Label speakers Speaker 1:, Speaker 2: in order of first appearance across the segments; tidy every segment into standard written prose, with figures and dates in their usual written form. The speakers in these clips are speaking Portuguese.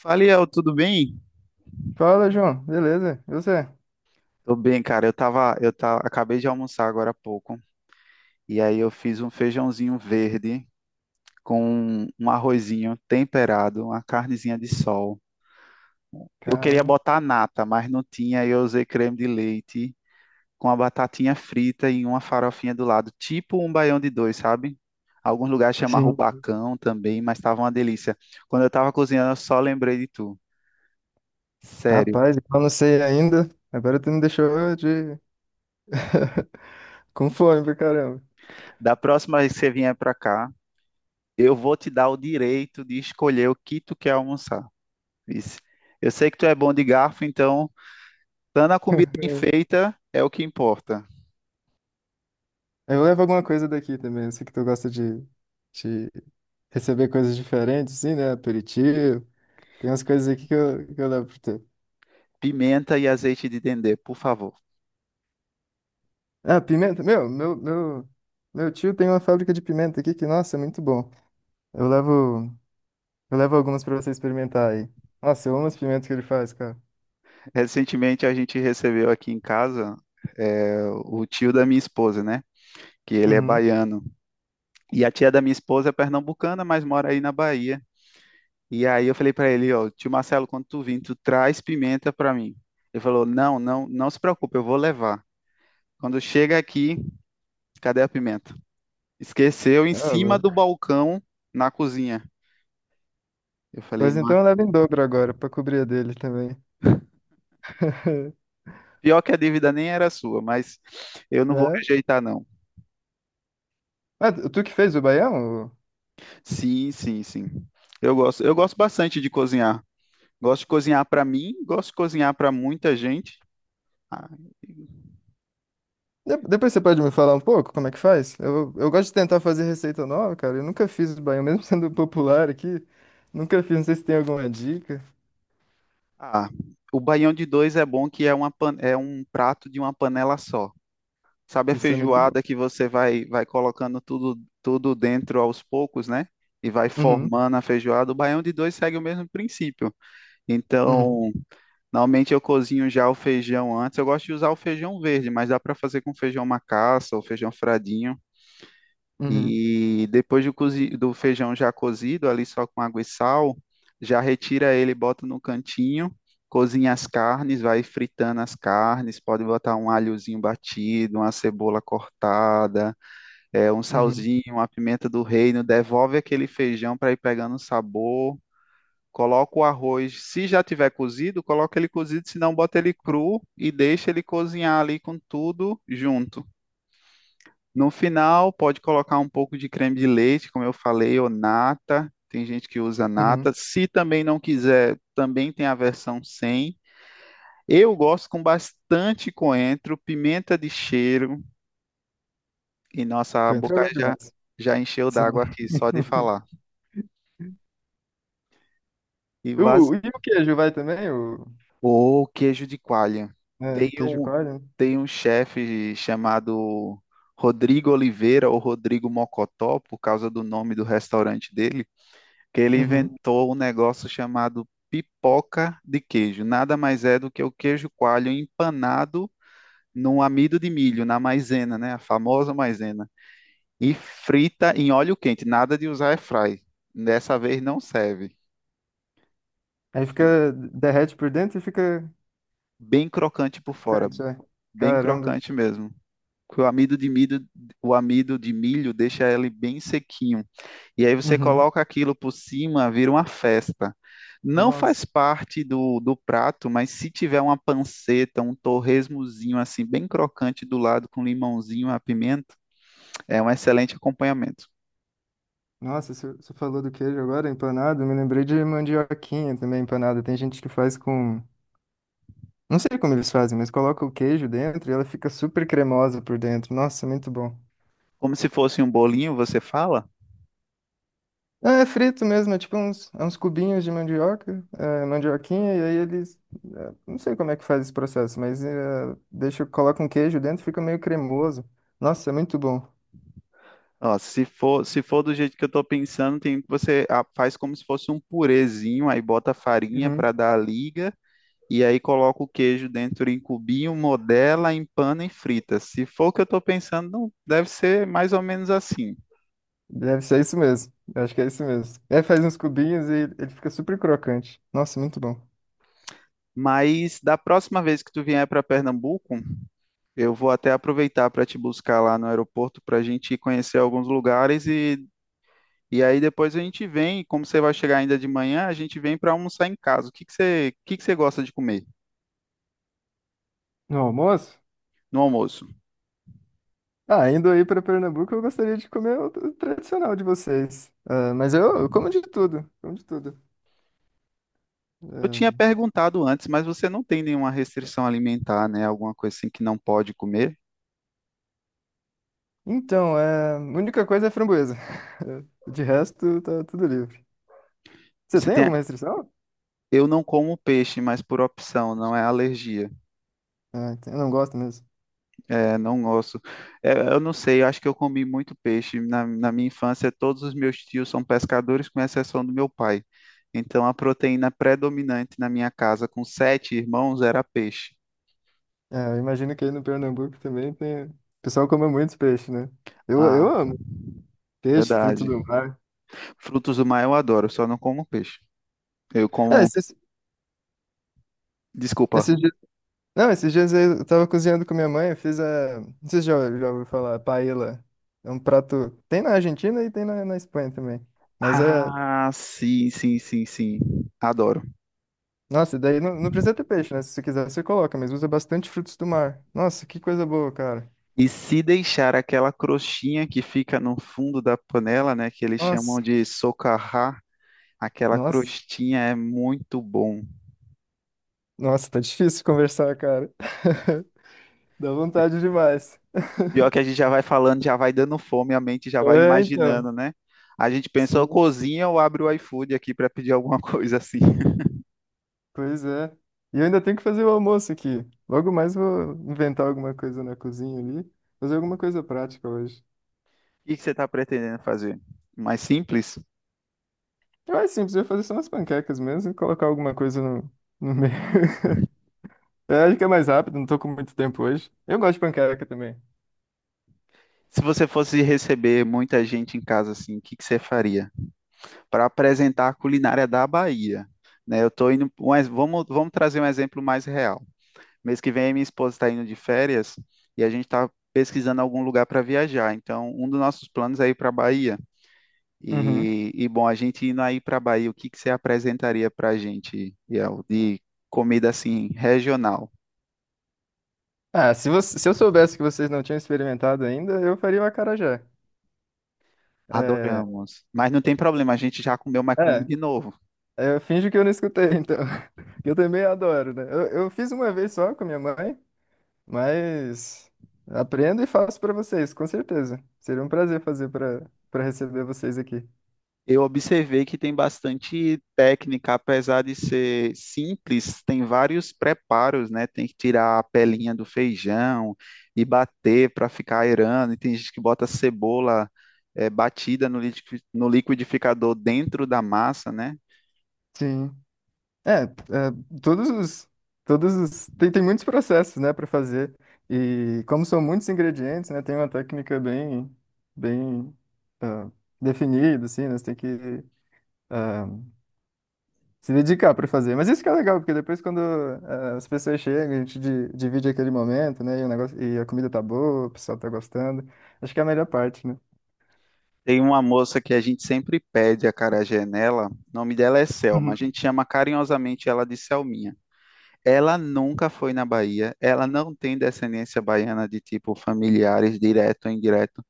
Speaker 1: Fala, Iel, tudo bem?
Speaker 2: Fala, João. Beleza? E você?
Speaker 1: Tô bem, cara. Eu tava, acabei de almoçar agora há pouco. E aí eu fiz um feijãozinho verde com um arrozinho temperado, uma carnezinha de sol. Eu queria
Speaker 2: Caramba.
Speaker 1: botar nata, mas não tinha. Aí eu usei creme de leite com a batatinha frita e uma farofinha do lado, tipo um baião de dois, sabe? Alguns lugares chamam
Speaker 2: Sim.
Speaker 1: rubacão também, mas tava uma delícia. Quando eu tava cozinhando, eu só lembrei de tu. Sério.
Speaker 2: Rapaz, eu não sei ainda. Agora tu me deixou de... com fome pra caramba.
Speaker 1: Da próxima vez que você vier pra cá, eu vou te dar o direito de escolher o que tu quer almoçar. Disse. Eu sei que tu é bom de garfo, então, dando a comida bem feita é o que importa.
Speaker 2: Eu levo alguma coisa daqui também. Eu sei que tu gosta de receber coisas diferentes, assim, né? Aperitivo. Tem umas coisas aqui que eu levo pra tu.
Speaker 1: Pimenta e azeite de dendê, por favor.
Speaker 2: Ah, pimenta. Meu tio tem uma fábrica de pimenta aqui que, nossa, é muito bom. Eu levo, eu levo algumas pra você experimentar aí. Nossa, eu amo as pimentas que ele faz, cara.
Speaker 1: Recentemente a gente recebeu aqui em casa o tio da minha esposa, né? Que ele é
Speaker 2: Uhum.
Speaker 1: baiano. E a tia da minha esposa é pernambucana, mas mora aí na Bahia. E aí eu falei para ele, ó, tio Marcelo, quando tu vir, tu traz pimenta para mim. Ele falou: "Não, não, não se preocupe, eu vou levar. Quando chega aqui, cadê a pimenta?" Esqueceu em
Speaker 2: Ah,
Speaker 1: cima do
Speaker 2: louco.
Speaker 1: balcão na cozinha. Eu falei,
Speaker 2: Pois
Speaker 1: não,
Speaker 2: então leva em dobro agora, pra cobrir a dele também.
Speaker 1: pior que a dívida nem era sua, mas eu não vou
Speaker 2: Né?
Speaker 1: rejeitar, não.
Speaker 2: Ah, tu que fez o baião?
Speaker 1: Sim, sim, sim. Eu gosto bastante de cozinhar. Gosto de cozinhar para mim, gosto de cozinhar para muita gente. Ah,
Speaker 2: Depois você pode me falar um pouco como é que faz? Eu gosto de tentar fazer receita nova, cara. Eu nunca fiz o baião, mesmo sendo popular aqui. Nunca fiz, não sei se tem alguma dica.
Speaker 1: ah, o baião de dois é bom que é é um prato de uma panela só. Sabe a
Speaker 2: Isso é muito bom.
Speaker 1: feijoada que você vai colocando tudo dentro aos poucos, né? E vai
Speaker 2: Uhum,
Speaker 1: formando a feijoada. O baião de dois segue o mesmo princípio.
Speaker 2: uhum,
Speaker 1: Então, normalmente eu cozinho já o feijão antes. Eu gosto de usar o feijão verde, mas dá para fazer com feijão macaça ou feijão fradinho.
Speaker 2: uhum,
Speaker 1: E depois do feijão já cozido, ali só com água e sal, já retira ele, bota no cantinho, cozinha as carnes, vai fritando as carnes. Pode botar um alhozinho batido, uma cebola cortada, um
Speaker 2: uhum,
Speaker 1: salzinho, uma pimenta do reino. Devolve aquele feijão para ir pegando o sabor. Coloca o arroz, se já tiver cozido, coloca ele cozido, se não, bota ele cru e deixa ele cozinhar ali com tudo junto. No final, pode colocar um pouco de creme de leite, como eu falei, ou nata. Tem gente que usa nata.
Speaker 2: uhum.
Speaker 1: Se também não quiser, também tem a versão sem. Eu gosto com bastante coentro, pimenta de cheiro, e nossa
Speaker 2: Coentro é bom demais.
Speaker 1: já encheu
Speaker 2: Sim.
Speaker 1: d'água aqui só de falar. E, bas-
Speaker 2: O, e o queijo vai também? O,
Speaker 1: Ou queijo de coalha. Tem
Speaker 2: né, queijo
Speaker 1: um,
Speaker 2: coalho, né?
Speaker 1: tem um chefe chamado Rodrigo Oliveira ou Rodrigo Mocotó, por causa do nome do restaurante dele, que ele
Speaker 2: Uhum.
Speaker 1: inventou um negócio chamado pipoca de queijo. Nada mais é do que o queijo coalho empanado num amido de milho, na maisena, né? A famosa maisena. E frita em óleo quente, nada de usar airfry. Dessa vez não serve.
Speaker 2: Aí
Speaker 1: Fri-
Speaker 2: fica, derrete por dentro e fica
Speaker 1: Bem crocante por fora,
Speaker 2: crocante, é.
Speaker 1: bem
Speaker 2: Caramba.
Speaker 1: crocante mesmo. Que o amido de milho deixa ele bem sequinho. E aí você
Speaker 2: Uhum.
Speaker 1: coloca aquilo por cima, vira uma festa. Não faz
Speaker 2: Nossa,
Speaker 1: parte do prato, mas se tiver uma panceta, um torresmozinho assim bem crocante do lado com limãozinho, a pimenta, é um excelente acompanhamento.
Speaker 2: nossa, você falou do queijo agora, empanado, eu me lembrei de mandioquinha também empanada. Tem gente que faz com, não sei como eles fazem, mas coloca o queijo dentro e ela fica super cremosa por dentro. Nossa, muito bom.
Speaker 1: Como se fosse um bolinho, você fala?
Speaker 2: É, é frito mesmo, é tipo uns, é uns cubinhos de mandioca, é, mandioquinha, e aí eles, é, não sei como é que faz esse processo, mas é, deixa, coloca um queijo dentro, fica meio cremoso. Nossa, é muito bom.
Speaker 1: Ó, se for do jeito que eu estou pensando, tem, você faz como se fosse um purezinho, aí bota farinha para dar a liga. E aí coloca o queijo dentro em cubinho, modela, empana e frita. Se for o que eu estou pensando, deve ser mais ou menos assim.
Speaker 2: Deve ser isso mesmo. Eu acho que é isso mesmo. Aí faz uns cubinhos e ele fica super crocante. Nossa, muito bom.
Speaker 1: Mas da próxima vez que tu vier para Pernambuco, eu vou até aproveitar para te buscar lá no aeroporto para a gente conhecer alguns lugares e aí depois a gente vem, como você vai chegar ainda de manhã, a gente vem para almoçar em casa. O que que você gosta de comer
Speaker 2: No almoço?
Speaker 1: no almoço?
Speaker 2: Ah, indo aí para Pernambuco, eu gostaria de comer o tradicional de vocês. Ah, mas eu como de tudo, como de tudo.
Speaker 1: Eu
Speaker 2: Ah,
Speaker 1: tinha perguntado antes, mas você não tem nenhuma restrição alimentar, né? Alguma coisa assim que não pode comer?
Speaker 2: então, é, a única coisa é framboesa. De resto, tá tudo livre. Você
Speaker 1: Você
Speaker 2: tem
Speaker 1: tem...
Speaker 2: alguma restrição?
Speaker 1: Eu não como peixe, mas por opção, não é alergia.
Speaker 2: Ah, eu não gosto mesmo.
Speaker 1: É, não gosto. É, eu não sei, eu acho que eu comi muito peixe. Na minha infância, todos os meus tios são pescadores, com exceção do meu pai. Então, a proteína predominante na minha casa, com sete irmãos, era peixe.
Speaker 2: É, eu imagino que aí no Pernambuco também tem... O pessoal come muito peixe, né? Eu,
Speaker 1: Ah,
Speaker 2: eu amo peixe, fruto
Speaker 1: verdade.
Speaker 2: do mar.
Speaker 1: Frutos do mar eu adoro, só não como peixe. Eu
Speaker 2: É,
Speaker 1: como.
Speaker 2: esses,
Speaker 1: Desculpa.
Speaker 2: esses Não, esses dias aí eu tava cozinhando com minha mãe, eu fiz a. Não sei se já ouviu falar, paella. É um prato. Tem na Argentina e tem na, na Espanha também. Mas é.
Speaker 1: Ah, sim, sim, sim, sim. Adoro.
Speaker 2: Nossa, daí não, não precisa ter peixe, né? Se você quiser, você coloca, mas usa bastante frutos do mar. Nossa, que coisa boa, cara.
Speaker 1: E se deixar aquela crostinha que fica no fundo da panela, né, que eles chamam
Speaker 2: Nossa,
Speaker 1: de socarrá, aquela
Speaker 2: nossa,
Speaker 1: crostinha é muito bom.
Speaker 2: nossa, tá difícil conversar, cara. Dá vontade demais.
Speaker 1: Pior que a gente já vai falando, já vai dando fome, a mente já vai
Speaker 2: É, então.
Speaker 1: imaginando, né? A gente pensa, ou
Speaker 2: Sim.
Speaker 1: cozinha ou abre o iFood aqui para pedir alguma coisa assim.
Speaker 2: Pois é. E eu ainda tenho que fazer o almoço aqui. Logo mais vou inventar alguma coisa na cozinha ali. Fazer alguma coisa prática hoje.
Speaker 1: O que que você está pretendendo fazer? Mais simples?
Speaker 2: Eu acho simples, eu vou fazer só umas panquecas mesmo e colocar alguma coisa no, no meio. Eu acho que é mais rápido, não tô com muito tempo hoje. Eu gosto de panqueca também.
Speaker 1: Se você fosse receber muita gente em casa assim, o que que você faria? Para apresentar a culinária da Bahia, né? Eu tô indo, mas vamos trazer um exemplo mais real. Mês que vem, minha esposa está indo de férias e a gente está pesquisando algum lugar para viajar. Então, um dos nossos planos é ir para a Bahia.
Speaker 2: Uhum.
Speaker 1: E, bom, a gente indo aí para a Bahia, o que que você apresentaria para a gente, Biel, de comida assim regional?
Speaker 2: Ah, se você, se eu soubesse que vocês não tinham experimentado ainda, eu faria o acarajé. É,
Speaker 1: Adoramos. Mas não tem problema, a gente já comeu, mas come
Speaker 2: é,
Speaker 1: de novo.
Speaker 2: eu finjo que eu não escutei, então. Que eu também adoro, né? Eu fiz uma vez só com a minha mãe. Mas aprendo e faço para vocês, com certeza. Seria um prazer fazer para para receber vocês aqui.
Speaker 1: Eu observei que tem bastante técnica, apesar de ser simples, tem vários preparos, né? Tem que tirar a pelinha do feijão e bater para ficar aerando. E tem gente que bota cebola batida no liquidificador dentro da massa, né?
Speaker 2: Sim. É, é, todos os todos os tem, tem muitos processos, né, para fazer. E como são muitos ingredientes, né, tem uma técnica bem ah, definida assim, né, você tem que ah, se dedicar para fazer. Mas isso que é legal, porque depois quando as pessoas chegam, a gente divide aquele momento, né, e o negócio e a comida tá boa, o pessoal tá gostando. Acho que é a melhor parte, né?
Speaker 1: Tem uma moça que a gente sempre pede a acarajé nela, o nome dela é Selma, a gente chama carinhosamente ela de Selminha. Ela nunca foi na Bahia, ela não tem descendência baiana de tipo familiares, direto ou indireto.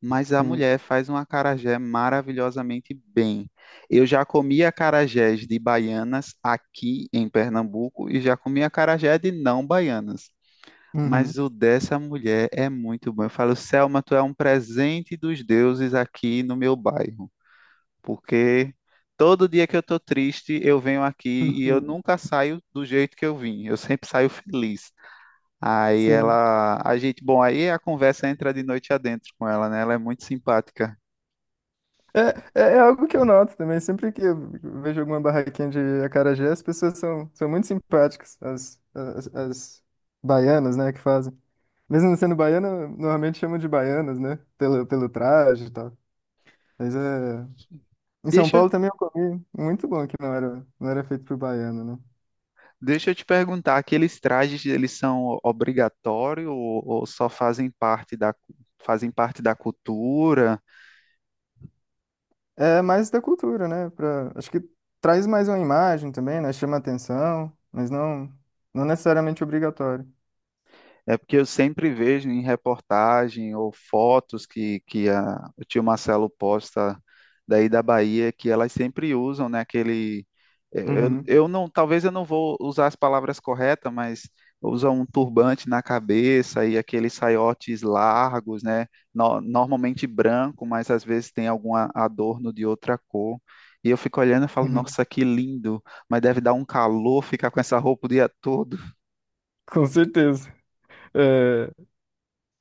Speaker 1: Mas a
Speaker 2: Sim.
Speaker 1: mulher faz um acarajé maravilhosamente bem. Eu já comi acarajés de baianas aqui em Pernambuco e já comi acarajé de não baianas. Mas
Speaker 2: Uhum.
Speaker 1: o dessa mulher é muito bom. Eu falo, Selma, tu é um presente dos deuses aqui no meu bairro. Porque todo dia que eu tô triste, eu venho aqui e eu
Speaker 2: Uhum.
Speaker 1: nunca saio do jeito que eu vim. Eu sempre saio feliz. Aí
Speaker 2: Sim.
Speaker 1: ela, a gente, bom, aí a conversa entra de noite adentro com ela, né? Ela é muito simpática.
Speaker 2: É, é, é algo que eu noto também. Sempre que eu vejo alguma barraquinha de acarajé, as pessoas são, são muito simpáticas, as baianas, né, que fazem. Mesmo não sendo baiana, normalmente chamam de baianas, né, pelo, pelo traje e tal. Mas é... Em São
Speaker 1: Deixa,
Speaker 2: Paulo também eu comi muito bom, que não era, não era feito por baiano, né.
Speaker 1: deixa eu te perguntar, aqueles trajes eles são obrigatórios ou só fazem parte da, fazem parte da cultura?
Speaker 2: É mais da cultura, né, pra... Acho que traz mais uma imagem também, né, chama atenção, mas não, não necessariamente obrigatório.
Speaker 1: É porque eu sempre vejo em reportagem ou fotos que, o tio Marcelo posta daí da Bahia que elas sempre usam, né, aquele
Speaker 2: Uhum.
Speaker 1: eu não, talvez eu não vou usar as palavras corretas, mas usam um turbante na cabeça e aqueles saiotes largos, né, normalmente branco, mas às vezes tem algum adorno de outra cor. E eu fico olhando e falo,
Speaker 2: Uhum.
Speaker 1: nossa, que lindo, mas deve dar um calor ficar com essa roupa o dia todo.
Speaker 2: Com certeza. É,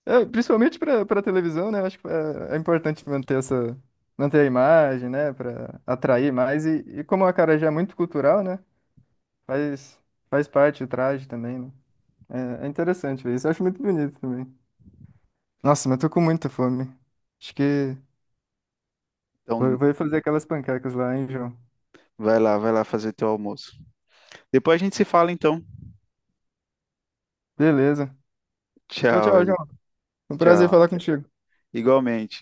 Speaker 2: é, principalmente para para televisão, né? Acho que é, é importante manter essa manter a imagem, né? Para atrair mais e como o acarajé é muito cultural, né? Faz faz parte o traje também, né? É, é interessante ver isso. Eu acho muito bonito também. Nossa, mas tô com muita fome. Acho que vou,
Speaker 1: Então,
Speaker 2: vou fazer aquelas panquecas lá, hein, João?
Speaker 1: vai lá, vai lá fazer teu almoço. Depois a gente se fala então.
Speaker 2: Beleza. Tchau,
Speaker 1: Tchau,
Speaker 2: tchau,
Speaker 1: Eli.
Speaker 2: João. Foi um prazer
Speaker 1: Tchau.
Speaker 2: falar contigo.
Speaker 1: Igualmente.